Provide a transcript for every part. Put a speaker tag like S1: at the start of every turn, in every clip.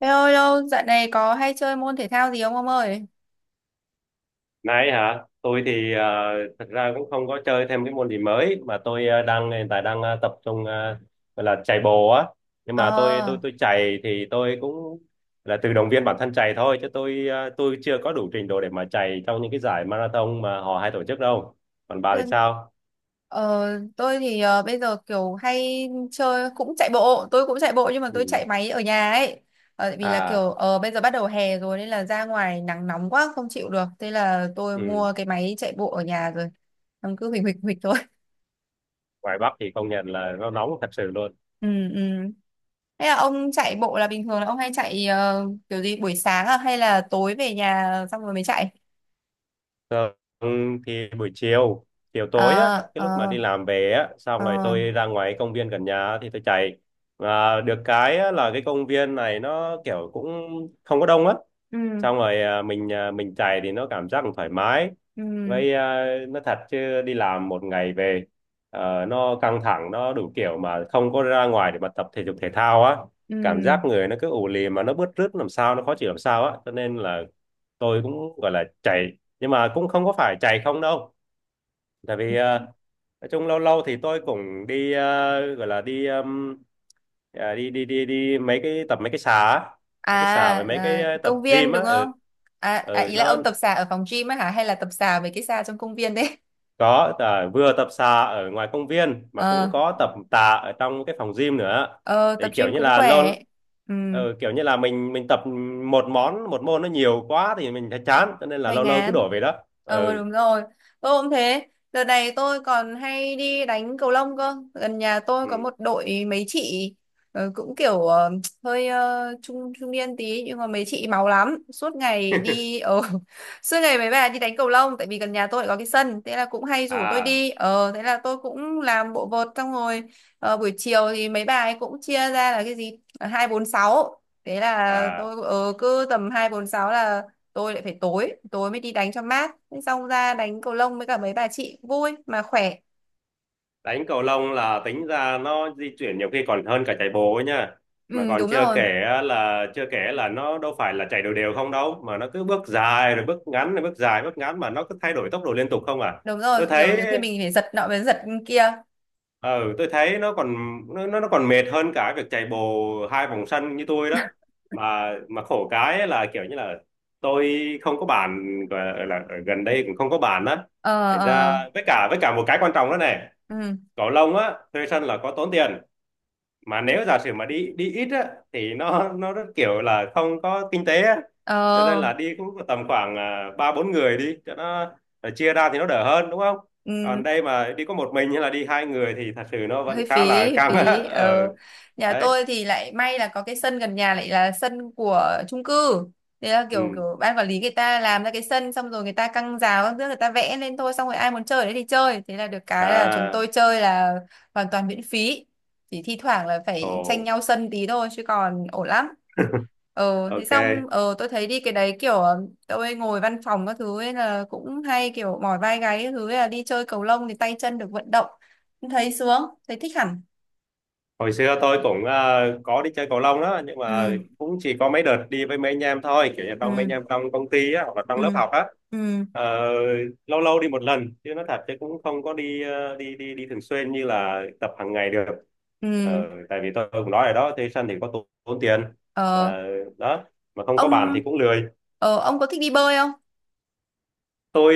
S1: Thế ơi lâu, dạo này có hay chơi môn thể thao gì không ông ơi?
S2: Nãy hả? Tôi thì thật ra cũng không có chơi thêm cái môn gì mới mà tôi đang hiện tại đang tập trung gọi là chạy bộ á. Nhưng mà tôi
S1: Ờ,
S2: tôi tôi chạy thì tôi cũng là tự động viên bản thân chạy thôi chứ tôi chưa có đủ trình độ để mà chạy trong những cái giải marathon mà họ hay tổ chức đâu. Còn bà thì
S1: tôi,
S2: sao?
S1: ờ, tôi thì bây giờ kiểu hay chơi cũng chạy bộ, tôi cũng chạy bộ nhưng mà tôi
S2: Ừ.
S1: chạy máy ở nhà ấy. Tại vì là kiểu
S2: À,
S1: bây giờ bắt đầu hè rồi nên là ra ngoài nắng nóng quá không chịu được. Thế là tôi
S2: ừ.
S1: mua cái máy chạy bộ ở nhà rồi. Ông cứ huỳnh huỳnh huỳnh thôi.
S2: Ngoài Bắc thì công nhận là nó nóng thật sự luôn.
S1: Ừ, ừ. Thế là ông chạy bộ là bình thường là ông hay chạy kiểu gì buổi sáng à hay là tối về nhà xong rồi mới chạy?
S2: Thường thì buổi chiều, chiều tối á,
S1: Ờ,
S2: cái
S1: ờ,
S2: lúc mà đi làm về á, xong rồi
S1: ờ.
S2: tôi ra ngoài công viên gần nhà thì tôi chạy. Mà được cái á, là cái công viên này nó kiểu cũng không có đông á.
S1: Ừ,
S2: Xong rồi mình chạy thì nó cảm giác thoải mái.
S1: ừ.
S2: Với nó thật chứ đi làm một ngày về nó căng thẳng, nó đủ kiểu mà không có ra ngoài để mà tập thể dục thể thao á.
S1: Ừ.
S2: Cảm giác người nó cứ ù lì mà nó bứt rứt làm sao, nó khó chịu làm sao á. Cho nên là tôi cũng gọi là chạy nhưng mà cũng không có phải chạy không đâu, tại vì nói chung lâu lâu thì tôi cũng đi gọi là đi à, đi đi đi đi mấy cái tập mấy cái xà á,
S1: À,
S2: mấy cái xà với mấy cái
S1: à,
S2: tập
S1: công
S2: gym
S1: viên
S2: á
S1: đúng
S2: ở
S1: không? À, à,
S2: ở
S1: ý là
S2: nó
S1: ông tập xà ở phòng gym á hả? Hay là tập xà mấy cái xà trong công viên đấy?
S2: có vừa tập xà ở ngoài công viên mà cũng
S1: Ờ,
S2: có tập tạ ở trong cái phòng gym nữa,
S1: ờ, tập
S2: thì kiểu
S1: gym
S2: như
S1: cũng
S2: là lâu
S1: khỏe. Ừ.
S2: ờ, kiểu như là mình tập một môn nó nhiều quá thì mình thấy chán, cho nên là
S1: Hoành
S2: lâu lâu cứ
S1: Án.
S2: đổi về đó.
S1: Ờ,
S2: Ừ,
S1: đúng rồi. Tôi cũng thế. Đợt này tôi còn hay đi đánh cầu lông cơ. Gần nhà tôi có
S2: ừ.
S1: một đội mấy chị cũng kiểu hơi trung trung niên tí nhưng mà mấy chị máu lắm. Suốt ngày đi suốt ngày mấy bà đi đánh cầu lông tại vì gần nhà tôi lại có cái sân, thế là cũng hay rủ tôi
S2: à
S1: đi. Ờ, thế là tôi cũng làm bộ vợt xong rồi buổi chiều thì mấy bà ấy cũng chia ra là cái gì? Hai, bốn, sáu. Thế là
S2: à
S1: tôi cứ tầm hai, bốn, sáu là tôi lại phải tối tối mới đi đánh cho mát. Thế xong ra đánh cầu lông với cả mấy bà chị vui mà khỏe.
S2: Đánh cầu lông là tính ra nó di chuyển nhiều khi còn hơn cả chạy bộ ấy nha, mà
S1: Ừ,
S2: còn
S1: đúng
S2: chưa
S1: rồi,
S2: kể là nó đâu phải là chạy đều đều không đâu, mà nó cứ bước dài rồi bước ngắn rồi bước dài bước ngắn, mà nó cứ thay đổi tốc độ liên tục không à.
S1: đúng rồi,
S2: tôi
S1: kiểu
S2: thấy
S1: như khi mình phải giật nọ với giật kia.
S2: ừ tôi thấy nó còn nó còn mệt hơn cả việc chạy bộ hai vòng sân như tôi đó, mà khổ cái ấy là kiểu như là tôi không có bàn, gọi là ở gần đây cũng không có bàn đó,
S1: Ờ,
S2: thành ra
S1: ờ.
S2: với cả một cái quan trọng đó này,
S1: Ừ.
S2: cầu lông á thuê sân là có tốn tiền, mà nếu giả sử mà đi đi ít á thì nó rất kiểu là không có kinh tế á, cho nên
S1: Ờ.
S2: là đi cũng tầm khoảng ba bốn người đi cho nó chia ra thì nó đỡ hơn đúng không. Còn
S1: Ừ.
S2: đây mà đi có một mình hay là đi hai người thì thật sự nó
S1: Hơi
S2: vẫn khá
S1: phí,
S2: là
S1: hơi
S2: căng á.
S1: phí.
S2: Ờ
S1: Ờ, nhà
S2: Đấy,
S1: tôi thì lại may là có cái sân gần nhà lại là sân của chung cư, thế là kiểu
S2: ừ,
S1: kiểu ban quản lý người ta làm ra cái sân xong rồi người ta căng rào các thứ, người ta vẽ lên thôi, xong rồi ai muốn chơi ở đấy thì chơi, thế là được cái là chúng tôi
S2: à,
S1: chơi là hoàn toàn miễn phí, chỉ thi thoảng là phải tranh
S2: ồ,
S1: nhau sân tí thôi chứ còn ổn lắm. ờ thế xong
S2: ok.
S1: ờ tôi thấy đi cái đấy kiểu tôi ngồi văn phòng các thứ ấy là cũng hay kiểu mỏi vai gáy các thứ ấy, là đi chơi cầu lông thì tay chân được vận động, thấy sướng, thấy thích hẳn.
S2: Hồi xưa tôi cũng có đi chơi cầu lông đó, nhưng mà
S1: Ừ,
S2: cũng chỉ có mấy đợt đi với mấy anh em thôi, kiểu như trong mấy anh
S1: ừ,
S2: em trong công ty á, hoặc là trong lớp
S1: ừ,
S2: học á.
S1: ừ,
S2: Ờ, lâu lâu đi một lần chứ, nó thật chứ cũng không có đi ờ, đi đi đi thường xuyên như là tập hàng ngày được.
S1: ừ.
S2: Tại vì tôi cũng nói rồi đó, thuê sân thì có tốn tiền.
S1: Ờ,
S2: Ờ, đó mà không có bàn
S1: ông
S2: thì cũng lười.
S1: ông có thích đi bơi không?
S2: Tôi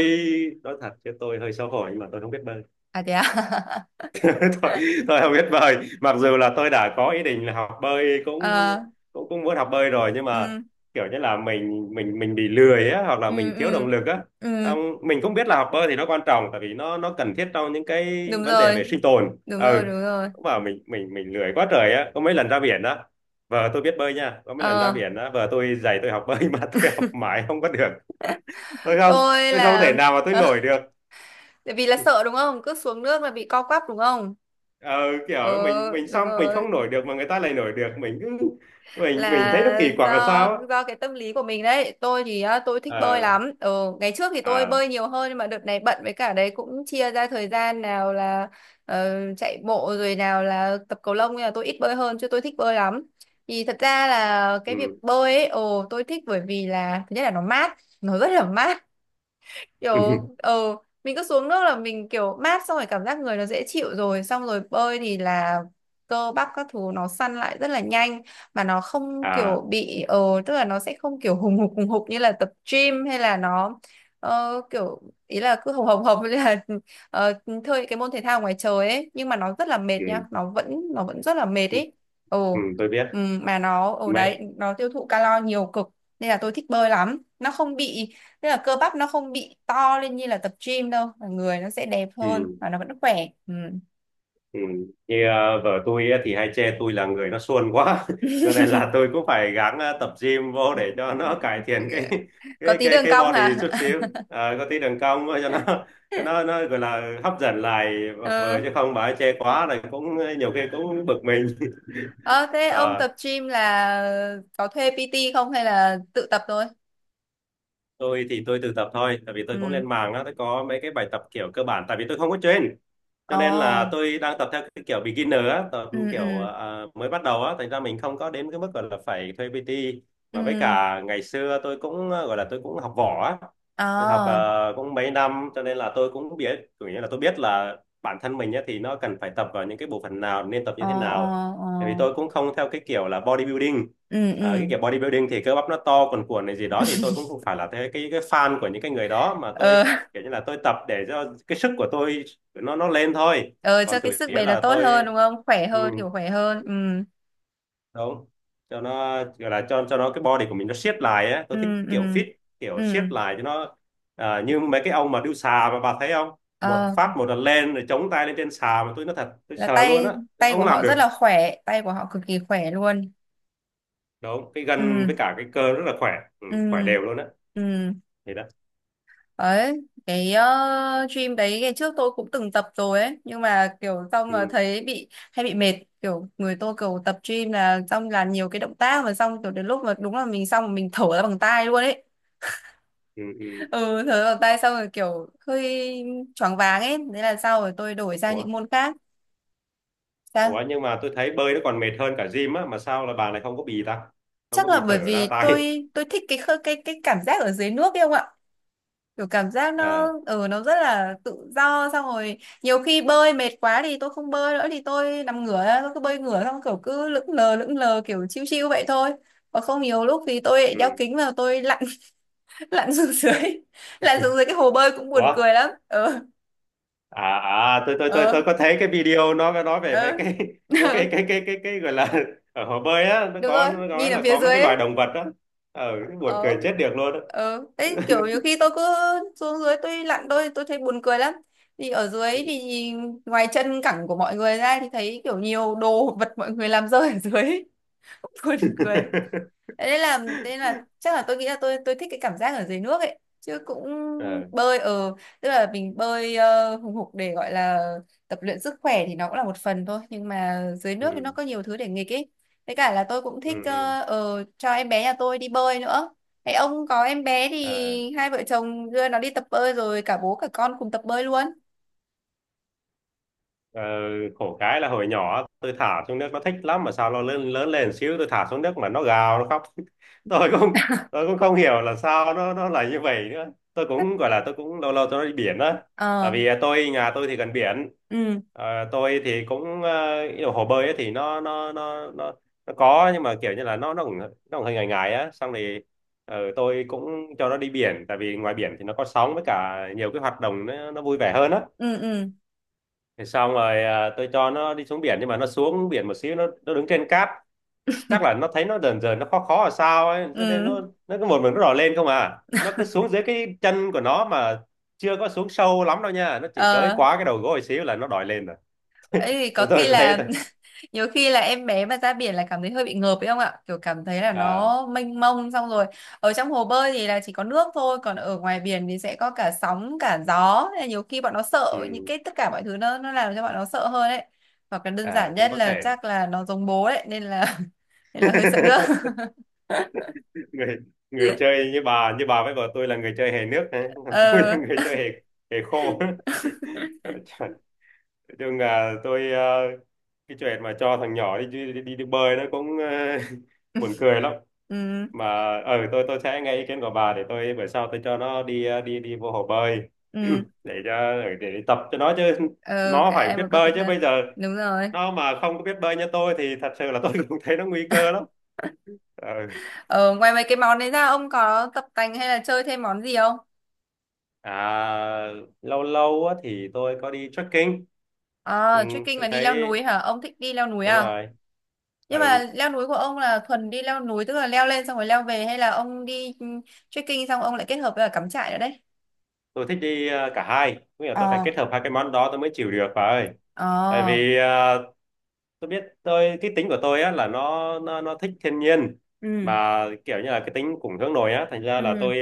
S2: nói thật chứ tôi hơi xấu hổ nhưng mà tôi không biết bơi.
S1: À, thế à?
S2: tôi, tôi không biết bơi, mặc dù là tôi đã có ý định là học bơi, cũng
S1: Ờ,
S2: cũng cũng muốn học bơi rồi, nhưng mà
S1: ừ,
S2: kiểu như là mình bị lười á, hoặc là mình
S1: ừ,
S2: thiếu động
S1: ừ,
S2: lực á.
S1: ừ.
S2: Ông, mình cũng biết là học bơi thì nó quan trọng, tại vì nó cần thiết trong những cái
S1: Đúng
S2: vấn đề
S1: rồi,
S2: về sinh tồn,
S1: đúng rồi,
S2: ừ,
S1: đúng rồi.
S2: mà mình lười quá trời á, có mấy lần ra biển á, vợ tôi biết bơi nha, có mấy lần ra
S1: Ờ,
S2: biển á vợ tôi dạy tôi học bơi mà tôi học mãi không có được. tôi không
S1: tôi
S2: tôi không
S1: là
S2: thể nào mà tôi nổi được.
S1: tại vì là sợ đúng không, cứ xuống nước là bị co quắp đúng không?
S2: ờ, Kiểu mình
S1: Ờ,
S2: mình
S1: đúng
S2: xong mình
S1: rồi,
S2: không nổi được mà người ta lại nổi được, mình cứ mình thấy nó
S1: là
S2: kỳ quặc là
S1: do
S2: sao á.
S1: do cái tâm lý của mình đấy. Tôi thì á, tôi thích bơi
S2: à
S1: lắm. Ừ, ngày trước thì tôi
S2: à
S1: bơi nhiều hơn nhưng mà đợt này bận, với cả đấy cũng chia ra thời gian nào là chạy bộ rồi nào là tập cầu lông, nhưng mà tôi ít bơi hơn chứ tôi thích bơi lắm. Thì thật ra là cái việc
S2: ừ.
S1: bơi ấy, ồ tôi thích bởi vì là thứ nhất là nó mát, nó rất là mát. Kiểu mình cứ xuống nước là mình kiểu mát, xong rồi cảm giác người nó dễ chịu, rồi xong rồi bơi thì là cơ bắp các thứ nó săn lại rất là nhanh, mà nó không
S2: À,
S1: kiểu bị tức là nó sẽ không kiểu hùng hục như là tập gym, hay là nó kiểu, ý là cứ hồng hồng hồng như là ờ, chơi cái môn thể thao ngoài trời ấy nhưng mà nó rất là mệt
S2: ừ.
S1: nha, nó vẫn, nó vẫn rất là mệt ấy.
S2: Ừ,
S1: Ồ,
S2: tôi biết.
S1: ừ, mà nó ở
S2: Mẹ.
S1: đấy nó tiêu thụ calo nhiều cực, nên là tôi thích bơi lắm, nó không bị. Tức là cơ bắp nó không bị to lên như là tập gym đâu, mà người nó sẽ đẹp hơn
S2: Ừ.
S1: và nó vẫn khỏe. Ừ.
S2: Ừ. Như vợ tôi á thì hay chê tôi là người nó suôn quá cho nên là tôi cũng phải gắng tập gym vô để cho nó cải thiện cái
S1: Có
S2: cái
S1: tí
S2: cái
S1: đường
S2: cái
S1: cong
S2: body
S1: hả?
S2: chút xíu. Ờ, có tí đường cong cho nó nó gọi là hấp dẫn lại vợ,
S1: Ờ.
S2: chứ không bà ấy chê quá là cũng nhiều khi cũng bực mình.
S1: Ờ, thế ông
S2: Ờ.
S1: tập gym là có thuê PT không hay là tự tập thôi?
S2: Tôi thì tôi tự tập thôi, tại vì tôi cũng
S1: Ừ,
S2: lên mạng á, tôi có mấy cái bài tập kiểu cơ bản, tại vì tôi không có train, cho nên là
S1: ồ,
S2: tôi đang tập theo cái kiểu beginner á, tập
S1: ừ,
S2: kiểu
S1: ừ,
S2: mới bắt đầu á, thành ra mình không có đến cái mức gọi là phải thuê PT. Mà với
S1: ừ,
S2: cả ngày xưa tôi cũng gọi là tôi cũng học võ á, tôi học
S1: ờ,
S2: cũng mấy năm, cho nên là tôi cũng biết kiểu như là tôi biết là bản thân mình á, thì nó cần phải tập vào những cái bộ phận nào, nên tập
S1: ờ,
S2: như thế
S1: ờ,
S2: nào,
S1: ờ,
S2: tại vì tôi cũng không theo cái kiểu là bodybuilding.
S1: ừ,
S2: Cái
S1: ừ,
S2: kiểu bodybuilding thì cơ bắp nó to cuồn cuộn này gì đó, thì tôi cũng không phải là thế, cái fan của những cái người đó, mà
S1: ờ.
S2: tôi kiểu như là tôi tập để cho cái sức của tôi nó lên thôi.
S1: Ờ, cho
S2: Còn
S1: cái
S2: chủ
S1: sức
S2: yếu
S1: bền là
S2: là
S1: tốt
S2: tôi,
S1: hơn đúng không, khỏe
S2: ừ,
S1: hơn, kiểu khỏe hơn. Ừ,
S2: đúng, cho nó gọi là cho nó cái body của mình nó siết lại á,
S1: ừ,
S2: tôi thích
S1: ừ,
S2: kiểu fit,
S1: ừ,
S2: kiểu siết lại cho nó, như mấy cái ông mà đu xà mà bà thấy không, một
S1: Ờ,
S2: phát một lần lên rồi chống tay lên trên xà mà tôi nói thật tôi
S1: là
S2: sợ luôn
S1: tay
S2: á, tôi
S1: tay của
S2: không làm
S1: họ rất
S2: được.
S1: là khỏe, tay của họ cực kỳ khỏe luôn.
S2: Đúng, cái gân
S1: Ừ,
S2: với cả cái cơ rất là khỏe. Ừ,
S1: ừ,
S2: khỏe đều luôn á.
S1: ừ.
S2: Thì đó.
S1: Đấy, cái gym đấy ngày trước tôi cũng từng tập rồi ấy nhưng mà kiểu xong mà
S2: Ừ,
S1: thấy bị hay bị mệt, kiểu người tôi kiểu tập gym là xong làm nhiều cái động tác mà xong kiểu đến lúc mà đúng là mình xong rồi mình thở ra bằng tai luôn ấy.
S2: ừ, ừ.
S1: Ừ, thở ra bằng tai xong rồi kiểu hơi choáng váng ấy, thế là sau rồi tôi đổi sang
S2: ủa
S1: những môn khác.
S2: ủa
S1: Sao?
S2: nhưng mà tôi thấy bơi nó còn mệt hơn cả gym á, mà sao là bà này không
S1: Chắc
S2: có
S1: là
S2: bị
S1: bởi
S2: thở ra
S1: vì
S2: tay.
S1: tôi thích cái cái cảm giác ở dưới nước ấy không ạ, kiểu cảm giác nó
S2: À,
S1: ừ nó rất là tự do, xong rồi nhiều khi bơi mệt quá thì tôi không bơi nữa thì tôi nằm ngửa ra, tôi cứ bơi ngửa xong kiểu cứ lững lờ kiểu chiêu chiêu vậy thôi. Còn không nhiều lúc thì tôi lại đeo
S2: ừ.
S1: kính vào tôi lặn. Lặn xuống dưới. Lặn xuống dưới cái hồ bơi cũng buồn
S2: Ủa,
S1: cười lắm. Ờ,
S2: à tôi tôi tôi
S1: ờ,
S2: tôi có thấy cái video nó có nói về mấy
S1: ờ.
S2: cái mấy cái gọi là ở hồ bơi á, nó
S1: Đúng
S2: có
S1: rồi,
S2: nó nói
S1: nhìn ở
S2: là
S1: phía
S2: có mấy
S1: dưới
S2: cái loài
S1: ấy.
S2: động vật á, ờ buồn
S1: Ờ,
S2: cười chết được luôn á.
S1: ờ thế kiểu nhiều khi tôi cứ xuống dưới tôi lặn tôi thấy buồn cười lắm. Thì ở dưới thì ngoài chân cẳng của mọi người ra thì thấy kiểu nhiều đồ vật mọi người làm rơi ở dưới. Buồn cười. Thế nên là thế là chắc là tôi nghĩ là tôi thích cái cảm giác ở dưới nước ấy chứ cũng
S2: Ờ,
S1: bơi ở, tức là mình bơi hùng hục để gọi là tập luyện sức khỏe thì nó cũng là một phần thôi nhưng mà dưới nước
S2: ừ,
S1: thì nó có nhiều thứ để nghịch ấy. Với cả là tôi cũng
S2: ừ,
S1: thích
S2: ừ,
S1: cho em bé nhà tôi đi bơi nữa. Thế ông có em bé
S2: à.
S1: thì hai vợ chồng đưa nó đi tập bơi rồi, cả bố cả con cùng tập bơi luôn.
S2: Ờ, khổ cái là hồi nhỏ tôi thả xuống nước nó thích lắm, mà sao nó lớn lớn lên xíu tôi thả xuống nước mà nó gào nó khóc tôi cũng tôi cũng không hiểu là sao nó là như vậy nữa. Tôi cũng gọi là tôi cũng lâu lâu tôi đi biển á,
S1: Ờ,
S2: tại vì nhà tôi thì gần biển.
S1: ừ,
S2: Ờ, tôi thì cũng ý là hồ bơi ấy thì nó có, nhưng mà kiểu như là nó cũng hơi ngại ngại á, xong thì tôi cũng cho nó đi biển, tại vì ngoài biển thì nó có sóng với cả nhiều cái hoạt động, nó vui vẻ hơn á.
S1: ừ, ừ,
S2: Thì xong rồi tôi cho nó đi xuống biển, nhưng mà nó xuống biển một xíu nó đứng trên cát, chắc là nó thấy nó dần dần nó khó khó là sao ấy, cho nên
S1: ừ.
S2: nó cứ một mình nó đỏ lên không à, nó cứ xuống dưới cái chân của nó mà chưa có xuống sâu lắm đâu nha, nó chỉ tới
S1: Ờ,
S2: quá cái đầu gối xíu là nó đòi lên rồi.
S1: ấy có
S2: Rồi tôi
S1: khi
S2: thấy
S1: là
S2: thôi.
S1: nhiều khi là em bé mà ra biển là cảm thấy hơi bị ngợp ấy không ạ, kiểu cảm thấy là
S2: À,
S1: nó mênh mông, xong rồi ở trong hồ bơi thì là chỉ có nước thôi, còn ở ngoài biển thì sẽ có cả sóng cả gió. Nên là nhiều khi bọn nó sợ những
S2: ừ,
S1: cái tất cả mọi thứ nó làm cho bọn nó sợ hơn ấy, hoặc là đơn
S2: à,
S1: giản
S2: cũng
S1: nhất
S2: có
S1: là
S2: thể.
S1: chắc là nó giống bố ấy nên là nên là hơi sợ nước.
S2: người người chơi như bà với vợ tôi là người chơi hề nước đấy, còn tôi
S1: Ờ,
S2: là người chơi hề hề khô. Trời. Chung là tôi, cái chuyện mà cho thằng nhỏ đi bơi nó cũng buồn cười lắm.
S1: ừ,
S2: Mà tôi sẽ nghe ý kiến của bà, để tôi bữa sau tôi cho nó đi ờ, đi đi vô hồ bơi,
S1: ừ.
S2: để tập cho nó chứ,
S1: Ờ,
S2: nó
S1: cả
S2: phải
S1: em
S2: biết
S1: và các
S2: bơi
S1: cục
S2: chứ,
S1: ta.
S2: bây giờ
S1: Đúng rồi.
S2: nó mà không có biết bơi như tôi thì thật sự là tôi cũng thấy nó nguy cơ lắm. Ờ.
S1: Ờ, ngoài mấy cái món đấy ra ông có tập tành hay là chơi thêm món gì không?
S2: À, lâu lâu á thì tôi có đi trekking. Ừ,
S1: À, trekking
S2: tôi
S1: là đi leo
S2: thấy
S1: núi hả? Ông thích đi leo núi
S2: đúng
S1: à?
S2: rồi.
S1: Nhưng mà
S2: Ừ,
S1: leo núi của ông là thuần đi leo núi tức là leo lên xong rồi leo về, hay là ông đi trekking xong ông lại kết hợp với cả cắm trại nữa đấy?
S2: tôi thích đi cả hai, nghĩa là tôi phải
S1: Ờ,
S2: kết hợp hai cái món đó tôi mới chịu được bà ơi. Tại
S1: ờ,
S2: vì tôi biết tôi cái tính của tôi á là nó thích thiên nhiên,
S1: ừ,
S2: mà kiểu như là cái tính cũng hướng nội á, thành ra là
S1: ừ,
S2: tôi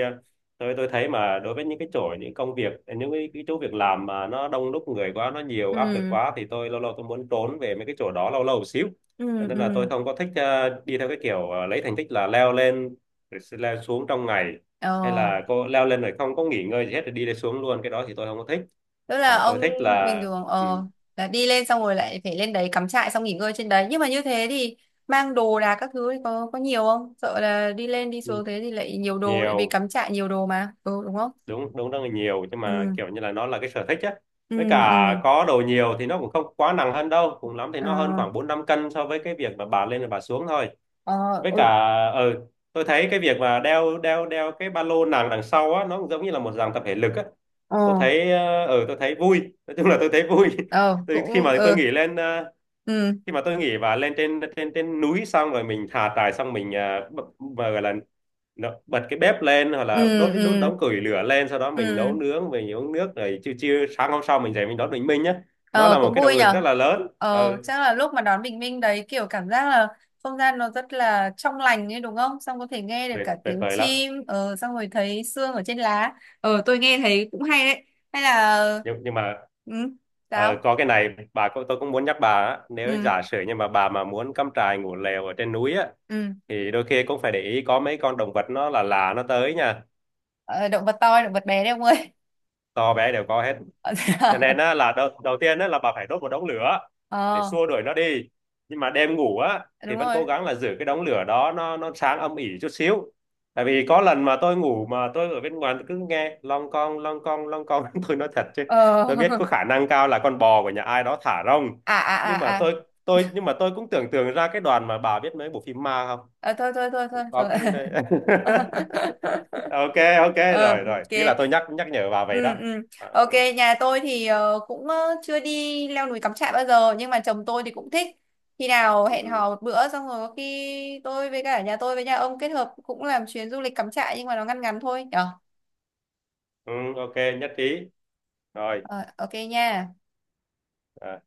S2: tôi tôi thấy mà đối với những cái chỗ, những công việc, những cái chỗ việc làm mà nó đông đúc người quá, nó nhiều áp lực
S1: ừ,
S2: quá, thì tôi lâu lâu tôi muốn trốn về mấy cái chỗ đó lâu lâu một xíu.
S1: ừ,
S2: Cho nên là
S1: ừ.
S2: tôi không có thích đi theo cái kiểu lấy thành tích là leo lên rồi sẽ leo xuống trong ngày, hay
S1: Ờ,
S2: là cô leo lên rồi không có nghỉ ngơi gì hết rồi đi lên xuống luôn, cái đó thì tôi không có thích.
S1: tức là
S2: Và tôi
S1: ông
S2: thích
S1: bình
S2: là
S1: thường
S2: ừ,
S1: là đi lên xong rồi lại phải lên đấy cắm trại xong nghỉ ngơi trên đấy. Nhưng mà như thế thì mang đồ đạc các thứ thì có nhiều không? Sợ là đi lên đi xuống thế thì lại nhiều đồ tại vì
S2: nhiều.
S1: cắm trại nhiều đồ mà. Ừ đúng không?
S2: Đúng đúng, rất là nhiều, nhưng mà
S1: Ừ,
S2: kiểu như là nó là cái sở thích á.
S1: ừ,
S2: Với cả
S1: ừ.
S2: có đồ nhiều thì nó cũng không quá nặng hơn đâu, cùng lắm thì
S1: Ờ.
S2: nó hơn khoảng bốn năm cân so với cái việc mà bà lên rồi bà xuống thôi.
S1: Ờ.
S2: Với cả
S1: Ừ.
S2: ừ, tôi thấy cái việc mà đeo đeo đeo cái ba lô nặng đằng sau á, nó cũng giống như là một dạng tập thể lực á.
S1: Ờ.
S2: Tôi thấy ừ, tôi thấy vui, nói chung là tôi thấy vui.
S1: Ờ
S2: tôi, khi
S1: cũng
S2: mà tôi
S1: ừ.
S2: nghỉ lên
S1: Ừ,
S2: khi mà tôi nghỉ và lên trên trên trên núi xong rồi mình thả trại xong mình uh, bật cái bếp lên, hoặc
S1: ừ,
S2: là đốt cái
S1: ừ,
S2: đống củi lửa lên, sau đó mình nấu
S1: ừ.
S2: nướng, mình uống nước, rồi chiều chiều sáng hôm sau mình dậy mình đón bình minh nhá. Nó
S1: Ờ,
S2: là một
S1: cũng
S2: cái
S1: vui
S2: động lực
S1: nhở.
S2: rất là lớn. Ừ,
S1: Ờ, chắc là lúc mà đón bình minh đấy kiểu cảm giác là không gian nó rất là trong lành ấy đúng không, xong có thể nghe được
S2: tuyệt
S1: cả
S2: tuyệt
S1: tiếng
S2: vời lắm.
S1: chim xong rồi thấy sương ở trên lá. Ờ, tôi nghe thấy cũng hay đấy. Hay là
S2: Nhưng mà
S1: ừ. Sao?
S2: có cái này bà cũng- tôi cũng muốn nhắc bà á, nếu
S1: Ừ,
S2: giả sử nhưng mà bà mà muốn cắm trại ngủ lều ở trên núi á,
S1: ừ.
S2: thì đôi khi cũng phải để ý có mấy con động vật nó là lạ nó tới nha.
S1: Ờ, động vật to hay động vật bé đấy ông ơi?
S2: To bé đều có hết. Cho nên á, là đầu tiên á, là bà phải đốt một đống lửa để
S1: Ờ,
S2: xua đuổi nó đi. Nhưng mà đêm ngủ á thì
S1: đúng
S2: vẫn
S1: rồi.
S2: cố gắng là giữ cái đống lửa đó nó sáng âm ỉ chút xíu. Tại vì có lần mà tôi ngủ mà tôi ở bên ngoài cứ nghe long con long con long con, tôi nói thật chứ,
S1: Ờ.
S2: tôi biết có khả năng cao là con bò của nhà ai đó thả rông.
S1: À, à,
S2: Nhưng mà
S1: à, à.
S2: tôi nhưng mà tôi cũng tưởng tượng ra cái đoàn mà, bà biết mấy bộ phim ma không,
S1: À, thôi thôi thôi thôi thôi.
S2: có cái nơi- ok, ok
S1: Ờ,
S2: rồi rồi, chỉ là
S1: ok.
S2: tôi nhắc nhắc nhở bà vậy
S1: Ừ,
S2: đó.
S1: ừ.
S2: À,
S1: Ok.
S2: ừ,
S1: Nhà tôi thì cũng chưa đi leo núi cắm trại bao giờ nhưng mà chồng tôi thì cũng thích. Khi nào
S2: ừ,
S1: hẹn
S2: ừ,
S1: hò một bữa xong rồi có khi tôi với cả nhà tôi với nhà ông kết hợp cũng làm chuyến du lịch cắm trại nhưng mà nó ngăn ngắn thôi nhở.
S2: ừ, ok, nhất trí rồi
S1: Ờ, ok nha.
S2: à.